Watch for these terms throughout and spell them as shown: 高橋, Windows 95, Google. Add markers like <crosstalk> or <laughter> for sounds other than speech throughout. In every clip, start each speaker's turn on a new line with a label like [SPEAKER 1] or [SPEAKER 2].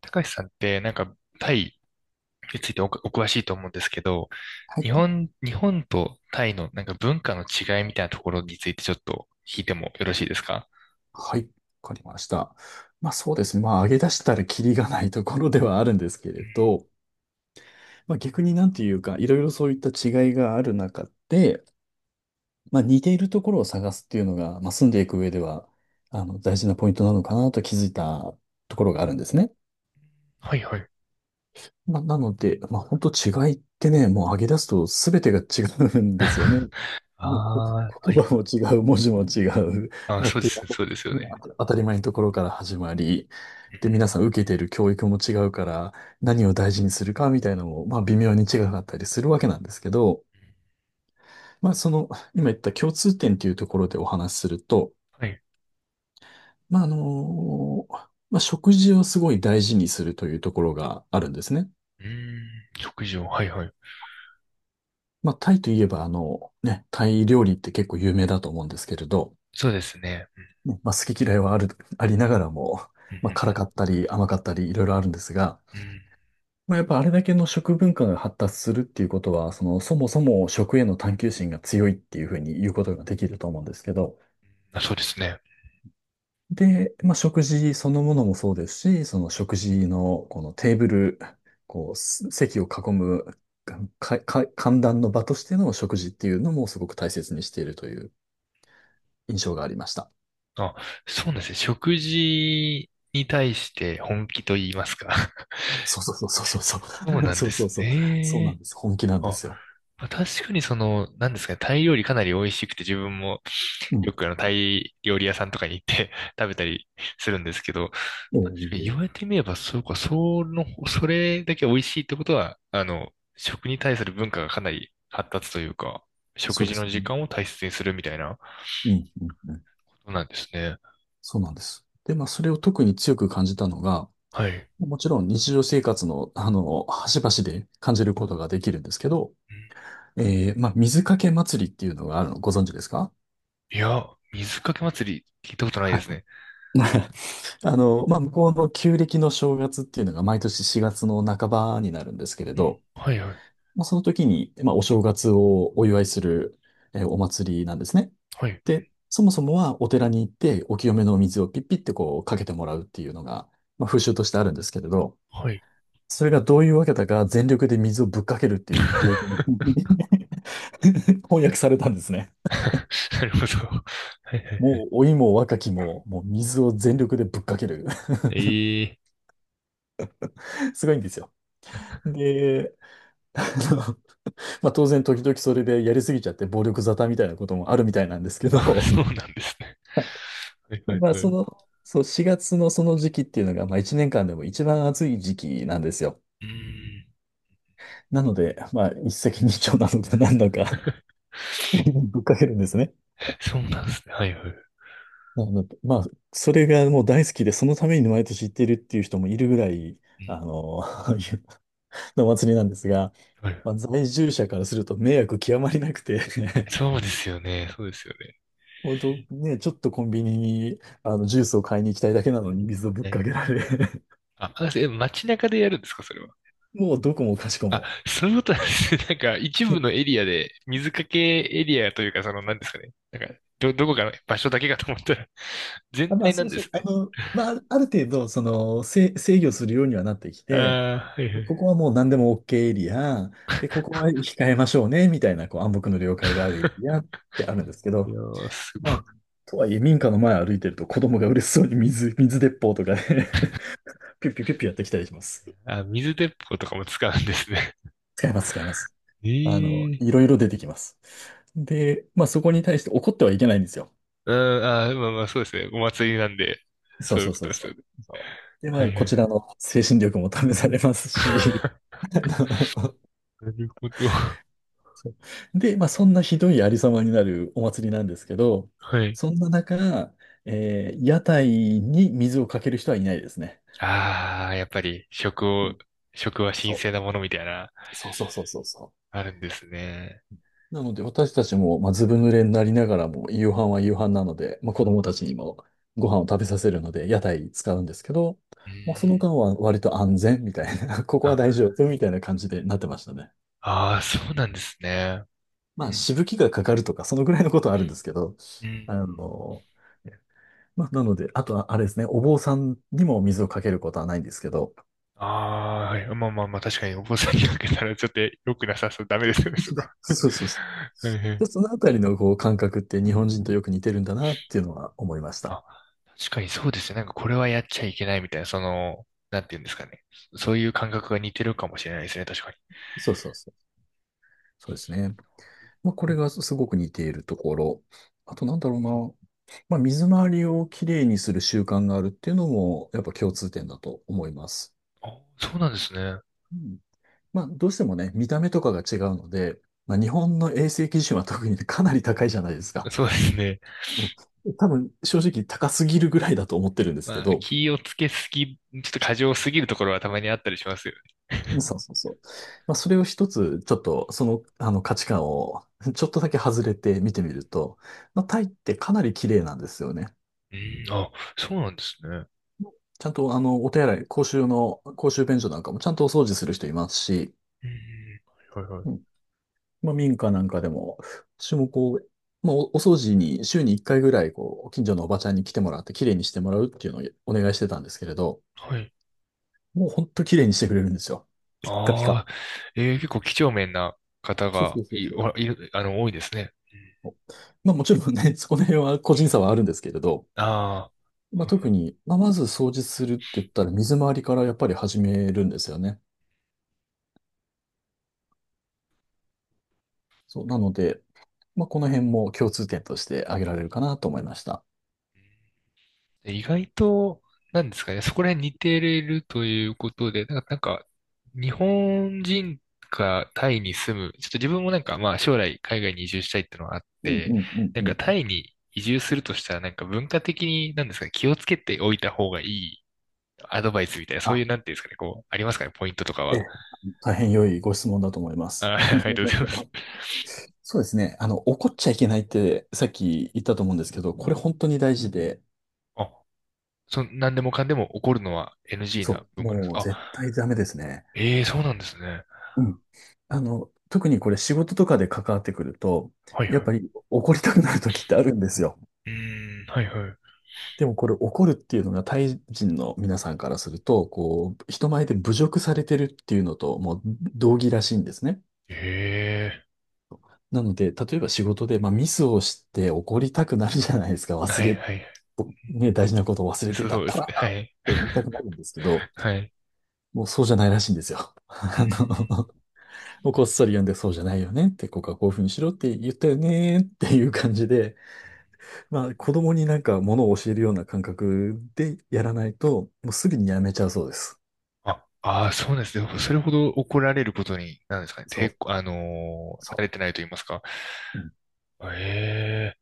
[SPEAKER 1] 高橋さんってなんかタイについてお詳しいと思うんですけど、
[SPEAKER 2] はい。
[SPEAKER 1] 日本とタイのなんか文化の違いみたいなところについてちょっと聞いてもよろしいですか？
[SPEAKER 2] はい。わかりました。まあそうですね。まあ上げ出したらキリがないところではあるんですけ
[SPEAKER 1] う
[SPEAKER 2] れ
[SPEAKER 1] ん。
[SPEAKER 2] ど、まあ逆になんていうか、いろいろそういった違いがある中で、まあ似ているところを探すっていうのが、まあ住んでいく上では、あの、大事なポイントなのかなと気づいたところがあるんですね。
[SPEAKER 1] はいはい。
[SPEAKER 2] まあなので、まあ本当違いってね、もう上げ出すと全てが違うんですよね。
[SPEAKER 1] <laughs> あ
[SPEAKER 2] もうこ、
[SPEAKER 1] あ、はいは
[SPEAKER 2] 言
[SPEAKER 1] い。
[SPEAKER 2] 葉も違う、文字も違う、
[SPEAKER 1] あ、
[SPEAKER 2] まあっ
[SPEAKER 1] そうで
[SPEAKER 2] てい
[SPEAKER 1] す、そうですよ
[SPEAKER 2] う、ね、
[SPEAKER 1] ね。
[SPEAKER 2] 当たり前のところから始まり、で、皆さん受けている教育も違うから、何を大事にするかみたいなのも、まあ微妙に違かったりするわけなんですけど、まあその、今言った共通点というところでお話しすると、
[SPEAKER 1] はい。
[SPEAKER 2] まああの、まあ食事をすごい大事にするというところがあるんですね。
[SPEAKER 1] うーん、食事を、はいはい。
[SPEAKER 2] まあタイといえばあの、ね、タイ料理って結構有名だと思うんですけれど、
[SPEAKER 1] そうですね。
[SPEAKER 2] ねまあ好き嫌いはありながらも、
[SPEAKER 1] うん。う
[SPEAKER 2] まあ辛
[SPEAKER 1] ん。
[SPEAKER 2] かったり甘かったりいろいろあるんですが、
[SPEAKER 1] うん。うん。
[SPEAKER 2] まあ、やっぱあれだけの食文化が発達するっていうことは、その、そもそも食への探求心が強いっていうふうに言うことができると思うんですけど、
[SPEAKER 1] あ、そうですね。
[SPEAKER 2] で、まあ、食事そのものもそうですし、その食事のこのテーブル、こう、席を囲む、歓談の場としての食事っていうのもすごく大切にしているという印象がありました。
[SPEAKER 1] あ、そうなんですね。食事に対して本気と言いますか。
[SPEAKER 2] そうそうそうそうそ
[SPEAKER 1] <laughs> そう
[SPEAKER 2] う。<laughs>
[SPEAKER 1] なん
[SPEAKER 2] そ
[SPEAKER 1] で
[SPEAKER 2] うそ
[SPEAKER 1] す
[SPEAKER 2] うそう。そうなん
[SPEAKER 1] ね。
[SPEAKER 2] です。本気なんで
[SPEAKER 1] あ、
[SPEAKER 2] すよ。
[SPEAKER 1] まあ確かにその、なんですかね、タイ料理かなり美味しくて、自分も
[SPEAKER 2] うん。
[SPEAKER 1] よくタイ料理屋さんとかに行って <laughs> 食べたりするんですけど、
[SPEAKER 2] え
[SPEAKER 1] 言
[SPEAKER 2] え、
[SPEAKER 1] われてみれば、そうか、その、それだけ美味しいってことは、食に対する文化がかなり発達というか、
[SPEAKER 2] そ
[SPEAKER 1] 食
[SPEAKER 2] うで
[SPEAKER 1] 事
[SPEAKER 2] す
[SPEAKER 1] の時
[SPEAKER 2] ね。
[SPEAKER 1] 間を大切にするみたいなこ
[SPEAKER 2] うん、うん、うん。
[SPEAKER 1] となんですね。
[SPEAKER 2] そうなんです。で、まあ、それを特に強く感じたのが、
[SPEAKER 1] はい。
[SPEAKER 2] もちろん日常生活の、あの、端々で感じることができるんですけど、
[SPEAKER 1] うん。
[SPEAKER 2] まあ、水かけ祭りっていうのがあるのご存知ですか？
[SPEAKER 1] いや、水かけ祭り聞いたことない
[SPEAKER 2] は
[SPEAKER 1] で
[SPEAKER 2] い。
[SPEAKER 1] すね。
[SPEAKER 2] <laughs> あの、まあ、向こうの旧暦の正月っていうのが毎年4月の半ばになるんですけれ
[SPEAKER 1] うん。
[SPEAKER 2] ど、
[SPEAKER 1] はいはい。
[SPEAKER 2] まあ、その時に、まあ、お正月をお祝いする、お祭りなんですね。
[SPEAKER 1] はい。
[SPEAKER 2] で、そもそもはお寺に行ってお清めのお水をピッピってこうかけてもらうっていうのが、まあ、風習としてあるんですけれど、
[SPEAKER 1] はい。
[SPEAKER 2] それがどういうわけだか全力で水をぶっかけるっていう行事も <laughs> 翻訳されたんですね。
[SPEAKER 1] <laughs> なるほど。はいはい。
[SPEAKER 2] もう老いも若きも、もう水を全力でぶっかける。
[SPEAKER 1] ええ。
[SPEAKER 2] <laughs> すごいんですよ。で、あの、<laughs> まあ、当然時々それでやりすぎちゃって暴力沙汰みたいなこともあるみたいなんですけ
[SPEAKER 1] あ、
[SPEAKER 2] ど、
[SPEAKER 1] そうなんですね。はいは
[SPEAKER 2] <laughs>
[SPEAKER 1] い
[SPEAKER 2] まあ
[SPEAKER 1] はい。
[SPEAKER 2] そ
[SPEAKER 1] う
[SPEAKER 2] の、そう4月のその時期っていうのが、まあ1年間でも一番暑い時期なんですよ。
[SPEAKER 1] ーん。
[SPEAKER 2] なので、まあ一石二鳥なのか何なのか <laughs> ぶっかけるんですね。
[SPEAKER 1] そうなんですね。はいはい。
[SPEAKER 2] なるほまあ、それがもう大好きで、そのために毎年行ってるっていう人もいるぐらい、
[SPEAKER 1] う
[SPEAKER 2] あ
[SPEAKER 1] ん。
[SPEAKER 2] の、<laughs> のお祭りなんですが、
[SPEAKER 1] はい。
[SPEAKER 2] まあ、在住者からすると迷惑極まりなくて
[SPEAKER 1] そうですよね。そうですよね。
[SPEAKER 2] <laughs> 本当ね、ちょっとコンビニにあのジュースを買いに行きたいだけなのに水をぶっ
[SPEAKER 1] ね。
[SPEAKER 2] かけられ
[SPEAKER 1] あ、街中でやるんですか、それは？
[SPEAKER 2] <laughs> もうどこもかしこ
[SPEAKER 1] あ、
[SPEAKER 2] も
[SPEAKER 1] そういうことなんですね。<laughs> なんか、一部のエリアで、水かけエリアというか、その、なんですかね。なんか、どこかの場所だけかと思ったら、<laughs> 全
[SPEAKER 2] あまあ、
[SPEAKER 1] 体な
[SPEAKER 2] そう
[SPEAKER 1] んです
[SPEAKER 2] であ
[SPEAKER 1] ね。
[SPEAKER 2] の、まあ、ある程度、その、制御するようにはなってき
[SPEAKER 1] あ
[SPEAKER 2] て、
[SPEAKER 1] あ、はいはい。
[SPEAKER 2] ここはもう何でも OK エリア、で、ここは控えましょうね、みたいな、こう、暗黙の了解があるエリア
[SPEAKER 1] <laughs>
[SPEAKER 2] ってあるんですけ
[SPEAKER 1] い
[SPEAKER 2] ど、
[SPEAKER 1] やー、すごい。
[SPEAKER 2] まあ、とはいえ、民家の前歩いてると子供が嬉しそうに水鉄砲とかね <laughs> ピュッピュッピュッピュやってきたりします。
[SPEAKER 1] あ、水鉄砲とかも使うんですね。
[SPEAKER 2] 使います、使います。あの、
[SPEAKER 1] ええ。
[SPEAKER 2] いろいろ出てきます。で、まあ、そこに対して怒ってはいけないんですよ。
[SPEAKER 1] うん、まあまあ、そうですね。お祭りなんで、
[SPEAKER 2] そ
[SPEAKER 1] そ
[SPEAKER 2] う
[SPEAKER 1] ういう
[SPEAKER 2] そう
[SPEAKER 1] こ
[SPEAKER 2] そ
[SPEAKER 1] と
[SPEAKER 2] う
[SPEAKER 1] です
[SPEAKER 2] そ
[SPEAKER 1] よね。
[SPEAKER 2] う。そう。で、ま
[SPEAKER 1] は
[SPEAKER 2] あ、
[SPEAKER 1] いは
[SPEAKER 2] こち
[SPEAKER 1] い。
[SPEAKER 2] らの精神力も試されますし、
[SPEAKER 1] <laughs>
[SPEAKER 2] <laughs> あの
[SPEAKER 1] なるほど。<laughs>
[SPEAKER 2] そうで、まあ、そんなひどいありさまになるお祭りなんですけど、
[SPEAKER 1] はい。
[SPEAKER 2] そんな中、屋台に水をかける人はいないですね。
[SPEAKER 1] ああ、やっぱり食
[SPEAKER 2] う
[SPEAKER 1] を、
[SPEAKER 2] ん
[SPEAKER 1] 食は神
[SPEAKER 2] そう、
[SPEAKER 1] 聖なものみたいな、
[SPEAKER 2] そうそうそうそうそう。
[SPEAKER 1] あるんですね。
[SPEAKER 2] なので、私たちも、まあ、ずぶ濡れになりながらも、夕飯は夕飯なので、まあ、子供たちにもご飯を食べさせるので、屋台使うんですけど、
[SPEAKER 1] う
[SPEAKER 2] もうその
[SPEAKER 1] ん。
[SPEAKER 2] 間は割と安全みたいな、<laughs> ここは大丈
[SPEAKER 1] あ、
[SPEAKER 2] 夫みたいな感じでなってましたね。
[SPEAKER 1] ああ、そうなんですね。
[SPEAKER 2] ま
[SPEAKER 1] う
[SPEAKER 2] あ、
[SPEAKER 1] ん。
[SPEAKER 2] しぶきがかかるとか、そのぐらいのことはあるんですけど、
[SPEAKER 1] うん。
[SPEAKER 2] あの、まあ、なので、あとは、あれですね、お坊さんにも水をかけることはないんですけど、
[SPEAKER 1] ああ、はい。まあまあまあ、確かにお坊さんにかけたらちょっと良くなさそう。ダメですよね、そ
[SPEAKER 2] そう
[SPEAKER 1] れは。
[SPEAKER 2] そうそうそ
[SPEAKER 1] <laughs> はいは
[SPEAKER 2] う。で
[SPEAKER 1] い。
[SPEAKER 2] そのあたりのこう感覚って日本人とよく似てるんだなっていうのは思いました。
[SPEAKER 1] あ、確かにそうですね。なんかこれはやっちゃいけないみたいな、その、なんていうんですかね。そういう感覚が似てるかもしれないですね、確かに。
[SPEAKER 2] そうそうそう。そうですね。まあ、これ
[SPEAKER 1] お。
[SPEAKER 2] がすごく似ているところ。あとなんだろうな。まあ、水回りをきれいにする習慣があるっていうのも、やっぱ共通点だと思います。
[SPEAKER 1] あ、そうなんですね。
[SPEAKER 2] うんまあ、どうしてもね、見た目とかが違うので、まあ、日本の衛生基準は特にねかなり高いじゃないですか。
[SPEAKER 1] そうですね。
[SPEAKER 2] うん多分、正直高すぎるぐらいだと思ってるんですけ
[SPEAKER 1] まあ、
[SPEAKER 2] ど、
[SPEAKER 1] 気をつけすぎ、ちょっと過剰すぎるところはたまにあったりしますよね。
[SPEAKER 2] そ
[SPEAKER 1] <laughs>
[SPEAKER 2] うそうそう。まあ、それを一つ、ちょっと、その、あの価値観を、<laughs> ちょっとだけ外れて見てみると、まあ、タイってかなり綺麗なんですよね。
[SPEAKER 1] うん、あ、そうなんですね。
[SPEAKER 2] ちゃんと、あの、お手洗い、公衆便所なんかもちゃんとお掃除する人いますし、
[SPEAKER 1] うん、はいはいはい。
[SPEAKER 2] まあ、民家なんかでも、私もこう、まあ、お掃除に週に1回ぐらい、こう、近所のおばちゃんに来てもらって、綺麗にしてもらうっていうのをお願いしてたんですけれど、
[SPEAKER 1] はい。
[SPEAKER 2] もうほんと綺麗にしてくれるんですよ。ピッカピカ。
[SPEAKER 1] ああ、結構几帳面な方
[SPEAKER 2] そう
[SPEAKER 1] が
[SPEAKER 2] そうそうそ
[SPEAKER 1] おいる多いですね。うん。
[SPEAKER 2] う。まあ、もちろんね、<laughs> そこの辺は個人差はあるんですけれど、
[SPEAKER 1] あ
[SPEAKER 2] まあ、特
[SPEAKER 1] あ。
[SPEAKER 2] に、まあ、まず掃除するって言ったら、水回りからやっぱり始めるんですよね。そう、なので、まあ、この辺も共通点として挙げられるかなと思いました。
[SPEAKER 1] 意外と、なんですかね、そこら辺似てるということで、なんか日本人がタイに住む、ちょっと自分もなんか、まあ将来海外に移住したいっていうのがあっ
[SPEAKER 2] うん
[SPEAKER 1] て、
[SPEAKER 2] うんうん
[SPEAKER 1] なん
[SPEAKER 2] うん。
[SPEAKER 1] かタイに移住するとしたら、なんか文化的に、なんですかね、気をつけておいた方がいいアドバイスみたいな、そう
[SPEAKER 2] あ、
[SPEAKER 1] いう、なんていうんですかね、こう、ありますかね、ポイントとか
[SPEAKER 2] え
[SPEAKER 1] は。
[SPEAKER 2] え大変良いご質問だと思います。<laughs>
[SPEAKER 1] あ、
[SPEAKER 2] あ
[SPEAKER 1] <laughs> ありがとうございます。
[SPEAKER 2] のそうですね。あの、怒っちゃいけないってさっき言ったと思うんですけど、これ本当に大事で、
[SPEAKER 1] あ、なんでもかんでも怒るのは NG な
[SPEAKER 2] そう、
[SPEAKER 1] 文化なんです。
[SPEAKER 2] もう
[SPEAKER 1] あ、
[SPEAKER 2] 絶対ダメですね。
[SPEAKER 1] ええ。そうなんですね。
[SPEAKER 2] うん。あの、特にこれ仕事とかで関わってくると、
[SPEAKER 1] はいは
[SPEAKER 2] やっ
[SPEAKER 1] い。
[SPEAKER 2] ぱり怒りたくなる時ってあるんですよ。
[SPEAKER 1] うーん、はいはい。
[SPEAKER 2] でもこれ怒るっていうのがタイ人の皆さんからすると、こう、人前で侮辱されてるっていうのともう同義らしいんですね。
[SPEAKER 1] ええ。
[SPEAKER 2] なので、例えば仕事で、まあ、ミスをして怒りたくなるじゃないですか。忘
[SPEAKER 1] はい
[SPEAKER 2] れ
[SPEAKER 1] はい。
[SPEAKER 2] ね、大事なことを忘れてた、
[SPEAKER 1] そうで
[SPEAKER 2] こ
[SPEAKER 1] す
[SPEAKER 2] ら
[SPEAKER 1] ね。は
[SPEAKER 2] っ
[SPEAKER 1] い。
[SPEAKER 2] て言いたくなるんですけど、
[SPEAKER 1] <laughs> はい。
[SPEAKER 2] もうそうじゃないらしいんですよ。<laughs>
[SPEAKER 1] うん。
[SPEAKER 2] あの、もうこっそり読んでそうじゃないよねって、ここはこういうふうにしろって言ったよねっていう感じで、まあ子供になんかものを教えるような感覚でやらないと、もうすぐにやめちゃうそうです。
[SPEAKER 1] あ、ああ、そうですね。それほど怒られることに、なんですかね。
[SPEAKER 2] そう、
[SPEAKER 1] 抵抗、慣
[SPEAKER 2] そ
[SPEAKER 1] れてないと言いますか。
[SPEAKER 2] う、うん、
[SPEAKER 1] え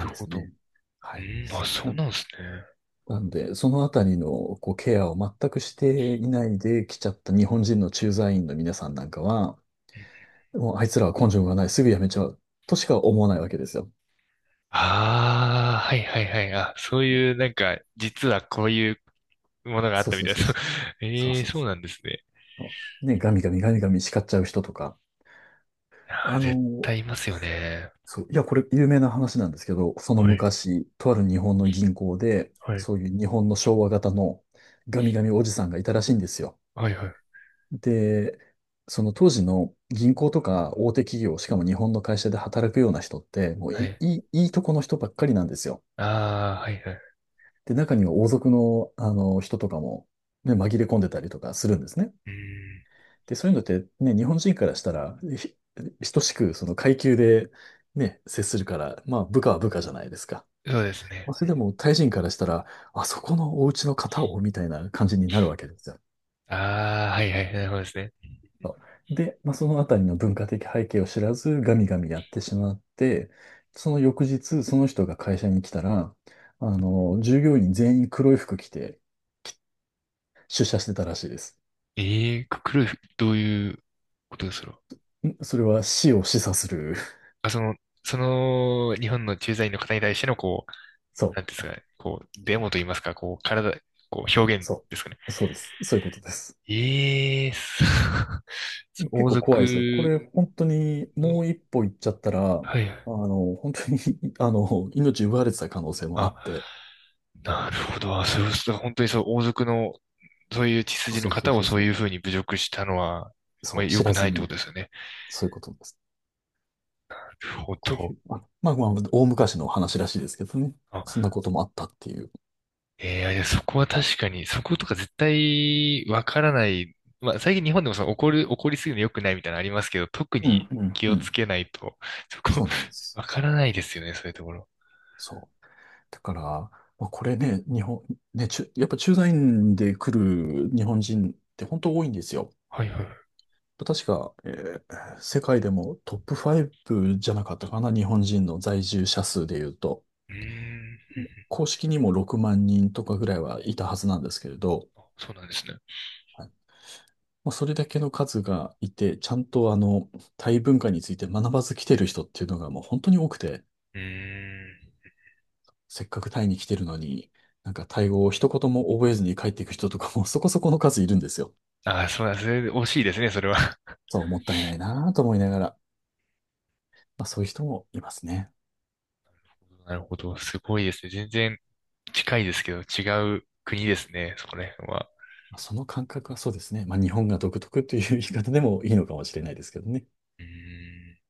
[SPEAKER 1] え、
[SPEAKER 2] ん
[SPEAKER 1] なる
[SPEAKER 2] で
[SPEAKER 1] ほ
[SPEAKER 2] す
[SPEAKER 1] ど。う
[SPEAKER 2] ね。はい。
[SPEAKER 1] あ、ん。あ、そ
[SPEAKER 2] な、
[SPEAKER 1] うなんですね。
[SPEAKER 2] なんで、そのあたりのこうケアを全くしていないで来ちゃった日本人の駐在員の皆さんなんかは、もうあいつらは根性がない、すぐやめちゃう、としか思わないわけですよ。
[SPEAKER 1] ああ、はいはいはい。あ、そういう、なんか、実はこういうものがあっ
[SPEAKER 2] そう
[SPEAKER 1] たみ
[SPEAKER 2] そう
[SPEAKER 1] たいで
[SPEAKER 2] そう
[SPEAKER 1] す。
[SPEAKER 2] そう。
[SPEAKER 1] <laughs>
[SPEAKER 2] そう
[SPEAKER 1] ええ、
[SPEAKER 2] そう
[SPEAKER 1] そうなんですね。
[SPEAKER 2] そう。ね、ガミガミガミガミ叱っちゃう人とか。
[SPEAKER 1] あ
[SPEAKER 2] あ
[SPEAKER 1] ー、絶
[SPEAKER 2] の、
[SPEAKER 1] 対いますよね。
[SPEAKER 2] そう、いや、これ有名な話なんですけど、その
[SPEAKER 1] はい、
[SPEAKER 2] 昔、とある日本の銀行で、
[SPEAKER 1] はい、
[SPEAKER 2] そういう日本の昭和型のガミガミおじさんがいたらしいんですよ。
[SPEAKER 1] はい、はい。
[SPEAKER 2] で、その当時の銀行とか大手企業、しかも日本の会社で働くような人って、もう
[SPEAKER 1] は
[SPEAKER 2] い
[SPEAKER 1] い。
[SPEAKER 2] い、いいいいとこの人ばっかりなんですよ。
[SPEAKER 1] ああ、はいはい。
[SPEAKER 2] で、中には王族の、あの人とかも、ね、紛れ込んでたりとかするんですね。
[SPEAKER 1] うん、
[SPEAKER 2] で、そういうのってね、日本人からしたら、等しくその階級でね、接するから、まあ部下は部下じゃないですか。
[SPEAKER 1] そうですね。
[SPEAKER 2] まあ、それでもタイ人からしたら、あそこのお家の方をみたいな感じになるわけですよ。
[SPEAKER 1] ああ、はいはい、なるほどですね。
[SPEAKER 2] そうで、まあ、そのあたりの文化的背景を知らず、ガミガミやってしまって、その翌日、その人が会社に来たら、あの、従業員全員黒い服着て、出社してたらしいです。
[SPEAKER 1] ええー、どういうことですか？
[SPEAKER 2] それは死を示唆する。<laughs>
[SPEAKER 1] あ、その、その、日本の駐在員の方に対しての、こう、
[SPEAKER 2] そ
[SPEAKER 1] なんていうんです
[SPEAKER 2] う、
[SPEAKER 1] かね、こう、デモと言いますか、こう、体、こう、表現
[SPEAKER 2] そ
[SPEAKER 1] ですかね。
[SPEAKER 2] う、そうです。そういうことです。
[SPEAKER 1] ええー、<laughs> そう、
[SPEAKER 2] 結
[SPEAKER 1] 王
[SPEAKER 2] 構怖いですよ。こ
[SPEAKER 1] 族
[SPEAKER 2] れ、本当に、
[SPEAKER 1] の、
[SPEAKER 2] もう一歩行っちゃったら、あ
[SPEAKER 1] はいはい。
[SPEAKER 2] の、本当に <laughs> あの、命奪われてた可能性もあ
[SPEAKER 1] あ、
[SPEAKER 2] って、
[SPEAKER 1] なるほど。あ、そう、そう本当にそう、王族の、そういう血筋
[SPEAKER 2] そ
[SPEAKER 1] の
[SPEAKER 2] うそう
[SPEAKER 1] 方を
[SPEAKER 2] そう
[SPEAKER 1] そう
[SPEAKER 2] そ
[SPEAKER 1] いう
[SPEAKER 2] う、
[SPEAKER 1] ふうに侮辱したのは、ま
[SPEAKER 2] そ
[SPEAKER 1] あ、
[SPEAKER 2] う、
[SPEAKER 1] 良
[SPEAKER 2] 知
[SPEAKER 1] く
[SPEAKER 2] ら
[SPEAKER 1] な
[SPEAKER 2] ず
[SPEAKER 1] いってこ
[SPEAKER 2] に、
[SPEAKER 1] とですよね。
[SPEAKER 2] そういうことです。
[SPEAKER 1] なるほ
[SPEAKER 2] とい
[SPEAKER 1] ど。
[SPEAKER 2] う、あ、まあまあ、大昔の話らしいですけどね。そん
[SPEAKER 1] あ、
[SPEAKER 2] なこともあったっていう。
[SPEAKER 1] ええ、いやそこは確かに、そことか絶対わからない。まあ、最近日本でもその怒る、怒りすぎるの良くないみたいなのありますけど、特
[SPEAKER 2] うん、
[SPEAKER 1] に
[SPEAKER 2] うん、
[SPEAKER 1] 気
[SPEAKER 2] う
[SPEAKER 1] をつ
[SPEAKER 2] ん。
[SPEAKER 1] けないと、そこ、
[SPEAKER 2] そうなんで
[SPEAKER 1] <laughs>
[SPEAKER 2] す。
[SPEAKER 1] わからないですよね、そういうところ。
[SPEAKER 2] そう。だから、まあ、これね、日本、ね、やっぱ駐在員で来る日本人って本当多いんですよ。
[SPEAKER 1] はいはい。う
[SPEAKER 2] 確か、世界でもトップ5じゃなかったかな、日本人の在住者数で言うと、
[SPEAKER 1] ーん。うん。うん。
[SPEAKER 2] 公式にも6万人とかぐらいはいたはずなんですけれど、
[SPEAKER 1] あ、そうなんですね。
[SPEAKER 2] はい、まあ、それだけの数がいて、ちゃんとあの、タイ文化について学ばず来てる人っていうのがもう本当に多くて、
[SPEAKER 1] うーん。
[SPEAKER 2] せっかくタイに来てるのに、なんかタイ語を一言も覚えずに帰っていく人とかもそこそこの数いるんですよ。
[SPEAKER 1] あ、そうなんですね。惜しいですね、それは。
[SPEAKER 2] そう、もったいないなぁと思いながら、まあそういう人もいますね。
[SPEAKER 1] <laughs> なるほど。すごいですね。全然近いですけど、違う国ですね、そこら辺は。
[SPEAKER 2] まあその感覚はそうですね。まあ、日本が独特という言い方でもいいのかもしれないですけどね。
[SPEAKER 1] うーん。